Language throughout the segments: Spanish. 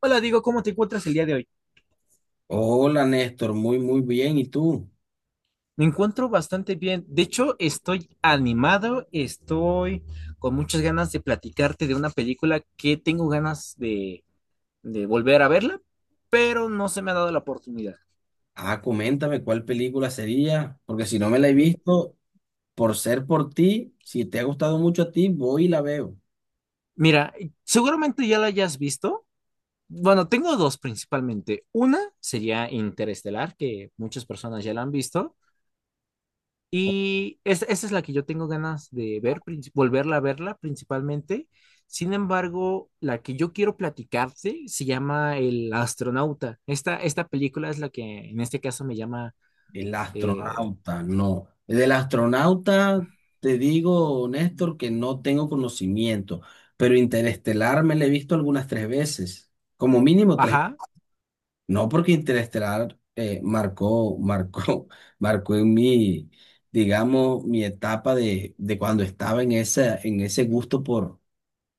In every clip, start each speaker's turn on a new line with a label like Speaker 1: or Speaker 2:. Speaker 1: Hola, digo, ¿cómo te encuentras el día de hoy?
Speaker 2: Hola Néstor, muy muy bien. ¿Y tú?
Speaker 1: Me encuentro bastante bien. De hecho, estoy animado, estoy con muchas ganas de platicarte de una película que tengo ganas de volver a verla, pero no se me ha dado la oportunidad.
Speaker 2: Ah, coméntame cuál película sería, porque si no me la he
Speaker 1: Mi-
Speaker 2: visto, por ser por ti, si te ha gustado mucho a ti, voy y la veo.
Speaker 1: Mira, seguramente ya la hayas visto. Bueno, tengo dos principalmente. Una sería Interestelar, que muchas personas ya la han visto. Y esa es la que yo tengo ganas de ver, volverla a verla principalmente. Sin embargo, la que yo quiero platicarte se llama El Astronauta. Esta película es la que en este caso me llama.
Speaker 2: El
Speaker 1: eh,
Speaker 2: astronauta, no. Del astronauta, te digo, Néstor, que no tengo conocimiento, pero Interestelar me la he visto algunas 3 veces, como mínimo tres.
Speaker 1: ajá.
Speaker 2: No, porque Interestelar marcó, marcó, marcó en mí, digamos, mi etapa de, cuando estaba en esa, en ese gusto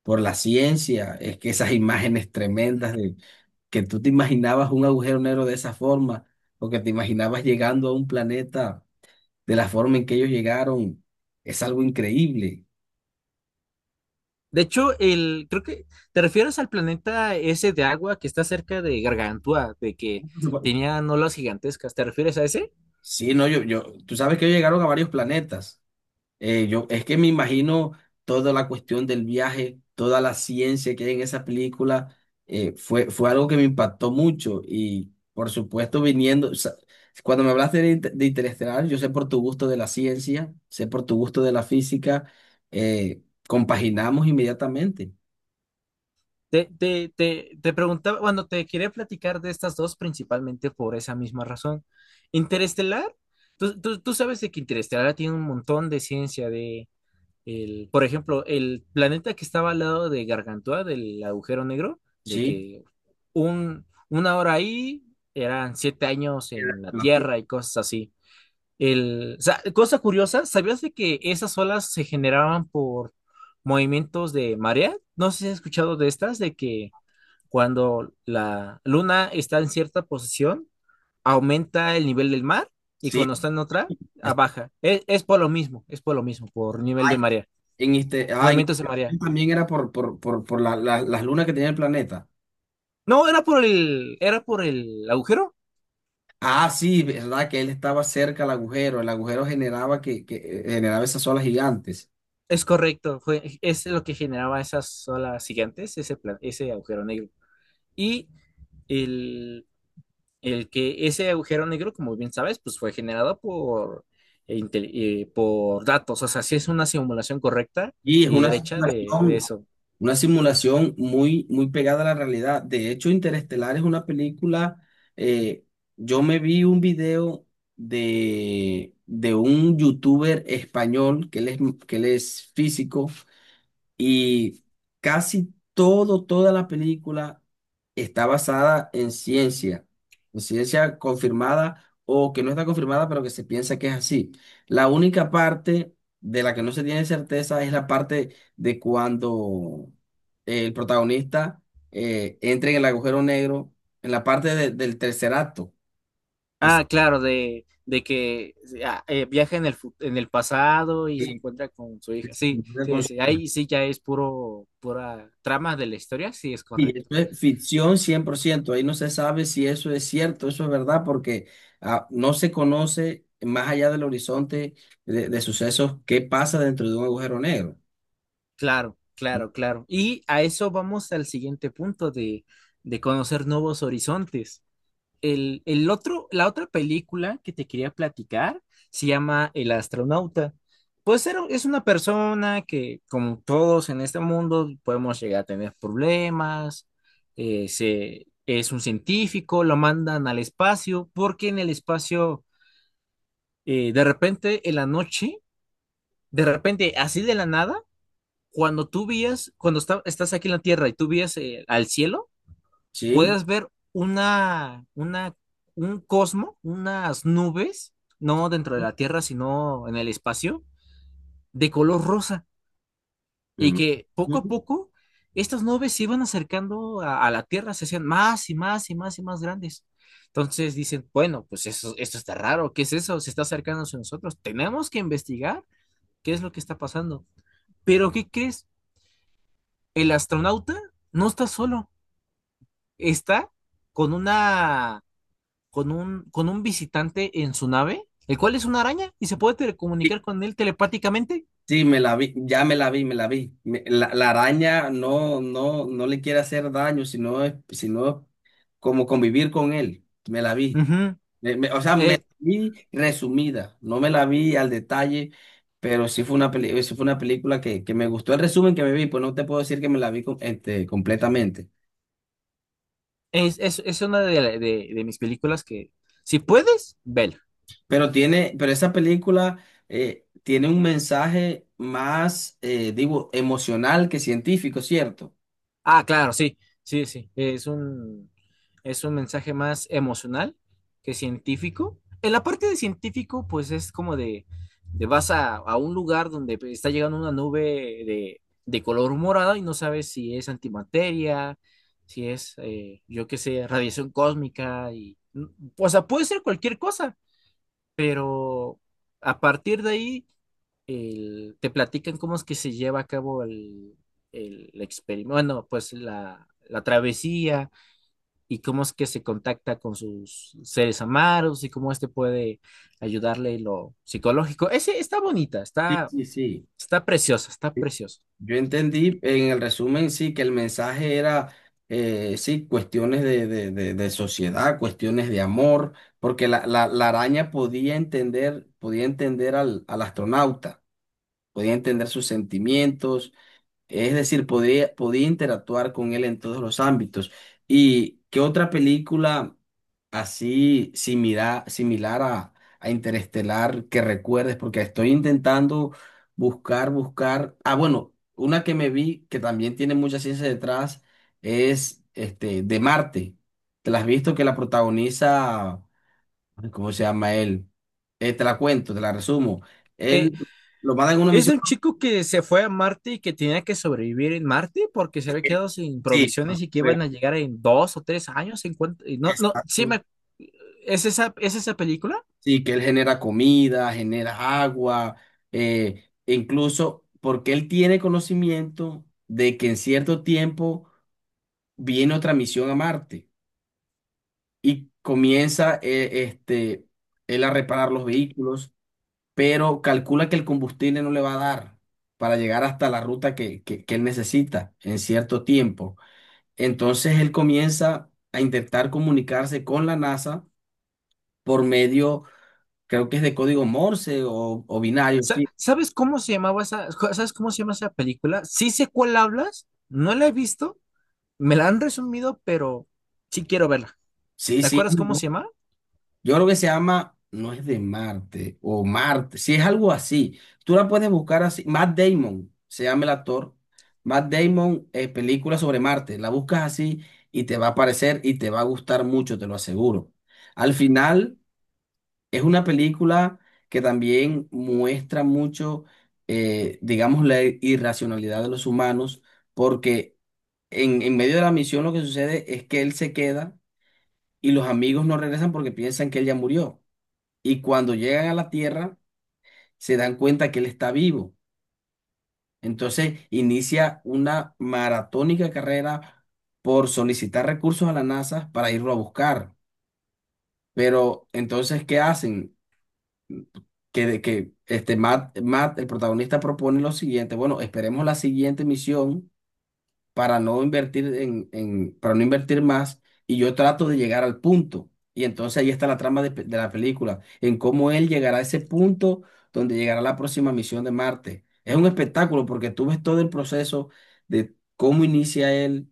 Speaker 2: por la ciencia. Es que esas imágenes tremendas de que tú te imaginabas un agujero negro de esa forma, o que te imaginabas llegando a un planeta de la forma en que ellos llegaron, es algo increíble.
Speaker 1: De hecho, creo que te refieres al planeta ese de agua que está cerca de Gargantúa, de que tenía olas gigantescas. ¿Te refieres a ese?
Speaker 2: Sí, no, yo, tú sabes que ellos llegaron a varios planetas. Es que me imagino toda la cuestión del viaje, toda la ciencia que hay en esa película. Fue algo que me impactó mucho y, por supuesto, viniendo, o sea, cuando me hablaste de, de Interestelar, yo sé por tu gusto de la ciencia, sé por tu gusto de la física, eh, compaginamos inmediatamente,
Speaker 1: Te preguntaba, bueno, te quería platicar de estas dos principalmente por esa misma razón. Interestelar, tú sabes de que Interestelar tiene un montón de ciencia de, el, por ejemplo, el planeta que estaba al lado de Gargantúa, del agujero negro, de
Speaker 2: ¿sí?
Speaker 1: que una hora ahí eran 7 años en la
Speaker 2: En la-
Speaker 1: Tierra y cosas así. O sea, cosa curiosa, ¿sabías de que esas olas se generaban por movimientos de marea? No sé si has escuchado de estas, de que cuando la luna está en cierta posición, aumenta el nivel del mar y
Speaker 2: Sí,
Speaker 1: cuando está en otra, a
Speaker 2: es-
Speaker 1: baja. Es por lo mismo, es por lo mismo, por nivel
Speaker 2: ay,
Speaker 1: de marea,
Speaker 2: en este, ay,
Speaker 1: movimientos de marea.
Speaker 2: también era por las lunas que tenía el planeta.
Speaker 1: No, era por el agujero.
Speaker 2: Ah, sí, verdad que él estaba cerca al agujero. El agujero generaba que generaba esas olas gigantes.
Speaker 1: Es correcto, fue, es lo que generaba esas olas gigantes, ese agujero negro. Y el, el que ese agujero negro, como bien sabes, pues fue generado por datos. O sea, sí es una simulación correcta
Speaker 2: Y es
Speaker 1: y derecha de eso.
Speaker 2: una simulación muy, muy pegada a la realidad. De hecho, Interestelar es una película. eh, yo me vi un video de un youtuber español que él es físico. Y casi todo, toda la película está basada en ciencia confirmada o que no está confirmada, pero que se piensa que es así. La única parte de la que no se tiene certeza es la parte de cuando el protagonista entra en el agujero negro, en la parte del tercer acto. Que se-
Speaker 1: Ah, claro, de que viaja en el pasado y se encuentra con su hija. Sí, sí, sí, ahí sí ya es puro, pura trama de la historia, sí es
Speaker 2: Y eso
Speaker 1: correcto.
Speaker 2: es ficción 100%. Ahí no se sabe si eso es cierto, eso es verdad, porque no se conoce más allá del horizonte de, sucesos qué pasa dentro de un agujero negro.
Speaker 1: Claro, claro, claro. Y a eso vamos al siguiente punto de conocer nuevos horizontes. El otro, la otra película que te quería platicar se llama El Astronauta. Pues es una persona que, como todos en este mundo, podemos llegar a tener problemas. Es un científico, lo mandan al espacio, porque en el espacio, de repente, en la noche, de repente, así de la nada, cuando tú vías, cuando estás aquí en la Tierra y tú vías al cielo,
Speaker 2: ¿Sí?
Speaker 1: puedas ver un cosmo, unas nubes, no dentro de la Tierra, sino en el espacio, de color rosa, y
Speaker 2: Mm.
Speaker 1: que poco a
Speaker 2: Mm.
Speaker 1: poco estas nubes se iban acercando a la Tierra, se hacían más y más y más y más grandes. Entonces dicen, bueno, pues eso, esto está raro, ¿qué es eso? Se está acercando a nosotros, tenemos que investigar qué es lo que está pasando. Pero ¿qué crees? El astronauta no está solo, está con una con un visitante en su nave, el cual es una araña y se puede
Speaker 2: Sí,
Speaker 1: telecomunicar con él telepáticamente.
Speaker 2: sí, me la vi, ya me la vi, me la vi. La, araña no, no, no le quiere hacer daño, sino, como convivir con él. Me la vi.
Speaker 1: Ujú.
Speaker 2: O sea, me
Speaker 1: Eh,
Speaker 2: la vi resumida, no me la vi al detalle, pero sí fue una película que, me gustó el resumen que me vi, pues no te puedo decir que me la vi este, completamente.
Speaker 1: es una de mis películas que, si puedes, vela.
Speaker 2: Pero esa película tiene un mensaje más, digo, emocional que científico, ¿cierto?
Speaker 1: Ah, claro, sí, sí, sí. Es un mensaje más emocional que científico. En la parte de científico, pues es como de vas a un lugar donde está llegando una nube de color morado y no sabes si es antimateria, si es, yo qué sé, radiación cósmica y, o sea, puede ser cualquier cosa, pero a partir de ahí te platican cómo es que se lleva a cabo el experimento, bueno, pues la travesía y cómo es que se contacta con sus seres amados y cómo este puede ayudarle en lo psicológico. Ese está bonita,
Speaker 2: Sí,
Speaker 1: está,
Speaker 2: sí, sí.
Speaker 1: está preciosa, está preciosa.
Speaker 2: Yo entendí en el resumen, sí, que el mensaje era, sí, cuestiones de sociedad, cuestiones de amor, porque la araña podía entender al astronauta, podía entender sus sentimientos, es decir, podría, podía interactuar con él en todos los ámbitos. ¿Y qué otra película así similar a Interestelar que recuerdes? Porque estoy intentando buscar, buscar. Ah, bueno, una que me vi que también tiene mucha ciencia detrás es de Marte. ¿Te la has visto? Que la protagoniza, ay, ¿cómo se llama él? Te la cuento, te la resumo.
Speaker 1: Eh,
Speaker 2: Él lo mandan en una
Speaker 1: es de
Speaker 2: misión.
Speaker 1: un chico que se fue a Marte y que tenía que sobrevivir en Marte porque se había quedado sin
Speaker 2: Sí,
Speaker 1: provisiones y que iban a llegar en 2 o 3 años. Y no, no, sí
Speaker 2: exacto.
Speaker 1: me, ¿es esa película?
Speaker 2: Sí, que él genera comida, genera agua, e incluso porque él tiene conocimiento de que en cierto tiempo viene otra misión a Marte y comienza él a reparar los vehículos, pero calcula que el combustible no le va a dar para llegar hasta la ruta que él necesita en cierto tiempo. Entonces él comienza a intentar comunicarse con la NASA por medio, creo que es, de código Morse o binario, sí.
Speaker 1: ¿Sabes cómo se llamaba esa, sabes cómo se llama esa película? Sí sé cuál hablas, no la he visto, me la han resumido, pero sí quiero verla.
Speaker 2: Sí,
Speaker 1: ¿Te
Speaker 2: sí.
Speaker 1: acuerdas cómo se llama?
Speaker 2: Yo creo que se llama, no es, de Marte o Marte, sí es algo así. Tú la puedes buscar así. Matt Damon, se llama el actor. Matt Damon, película sobre Marte. La buscas así y te va a aparecer y te va a gustar mucho, te lo aseguro. Al final, es una película que también muestra mucho, digamos, la irracionalidad de los humanos, porque en medio de la misión lo que sucede es que él se queda y los amigos no regresan porque piensan que él ya murió. Y cuando llegan a la Tierra se dan cuenta que él está vivo. Entonces inicia una maratónica carrera por solicitar recursos a la NASA para irlo a buscar. Pero entonces, ¿qué hacen? Que este Matt, el protagonista, propone lo siguiente. Bueno, esperemos la siguiente misión para no invertir para no invertir más y yo trato de llegar al punto. Y entonces ahí está la trama de la película, en cómo él llegará a ese punto donde llegará la próxima misión de Marte. Es un espectáculo porque tú ves todo el proceso de cómo inicia él,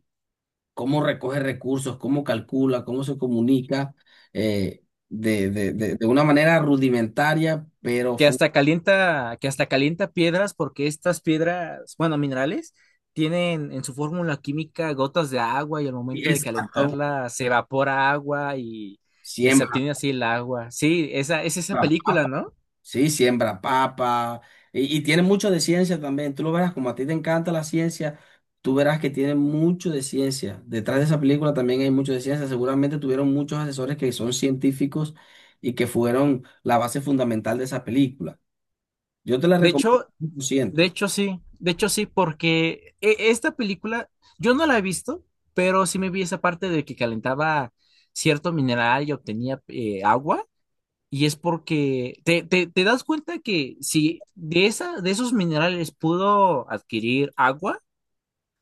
Speaker 2: cómo recoge recursos, cómo calcula, cómo se comunica, eh, de una manera rudimentaria, pero
Speaker 1: Que hasta calienta, que hasta calienta piedras porque estas piedras, bueno, minerales, tienen en su fórmula química gotas de agua y al momento de
Speaker 2: exacto,
Speaker 1: calentarla se evapora agua y se
Speaker 2: siembra.
Speaker 1: obtiene así el agua. Sí, esa es esa película, ¿no?
Speaker 2: Sí, siembra papa y tiene mucho de ciencia también. Tú lo verás, como a ti te encanta la ciencia, tú verás que tiene mucho de ciencia. Detrás de esa película también hay mucho de ciencia. Seguramente tuvieron muchos asesores que son científicos y que fueron la base fundamental de esa película. Yo te la
Speaker 1: De
Speaker 2: recomiendo
Speaker 1: hecho,
Speaker 2: cien por ciento.
Speaker 1: Sí, de hecho, sí, porque esta película, yo no la he visto, pero sí me vi esa parte de que calentaba cierto mineral y obtenía agua, y es porque te das cuenta que si de esa, de esos minerales pudo adquirir agua,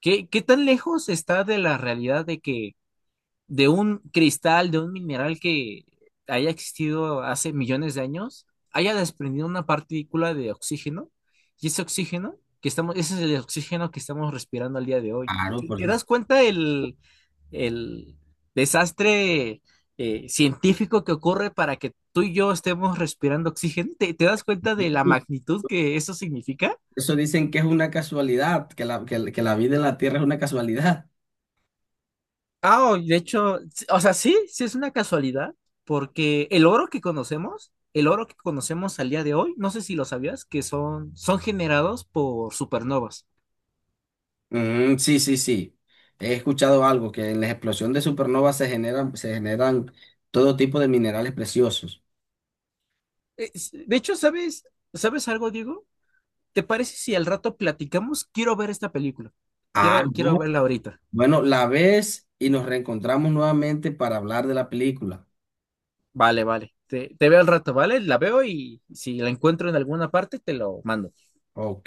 Speaker 1: ¿qué tan lejos está de la realidad de que de un cristal, de un mineral que haya existido hace millones de años, haya desprendido una partícula de oxígeno, y ese oxígeno que estamos, ese es el oxígeno que estamos respirando al día de hoy.
Speaker 2: Claro,
Speaker 1: ¿Te,
Speaker 2: por
Speaker 1: te
Speaker 2: supuesto.
Speaker 1: das cuenta el desastre científico que ocurre para que tú y yo estemos respirando oxígeno? ¿Te das cuenta de la magnitud que eso significa?
Speaker 2: Eso dicen que es una casualidad, la que la vida en la Tierra es una casualidad.
Speaker 1: Ah, de hecho, o sea, sí, sí es una casualidad, porque el oro que conocemos, el oro que conocemos al día de hoy, no sé si lo sabías, que son generados por supernovas.
Speaker 2: Mm, sí, sí, sí. He escuchado algo, que en la explosión de supernovas se generan todo tipo de minerales preciosos.
Speaker 1: De hecho, ¿sabes, algo, Diego? ¿Te parece si al rato platicamos? Quiero ver esta película.
Speaker 2: Ah,
Speaker 1: Quiero
Speaker 2: no.
Speaker 1: verla ahorita.
Speaker 2: Bueno, la ves y nos reencontramos nuevamente para hablar de la película.
Speaker 1: Vale, vale. Te veo al rato, ¿vale? La veo y si la encuentro en alguna parte, te lo mando.
Speaker 2: Ok.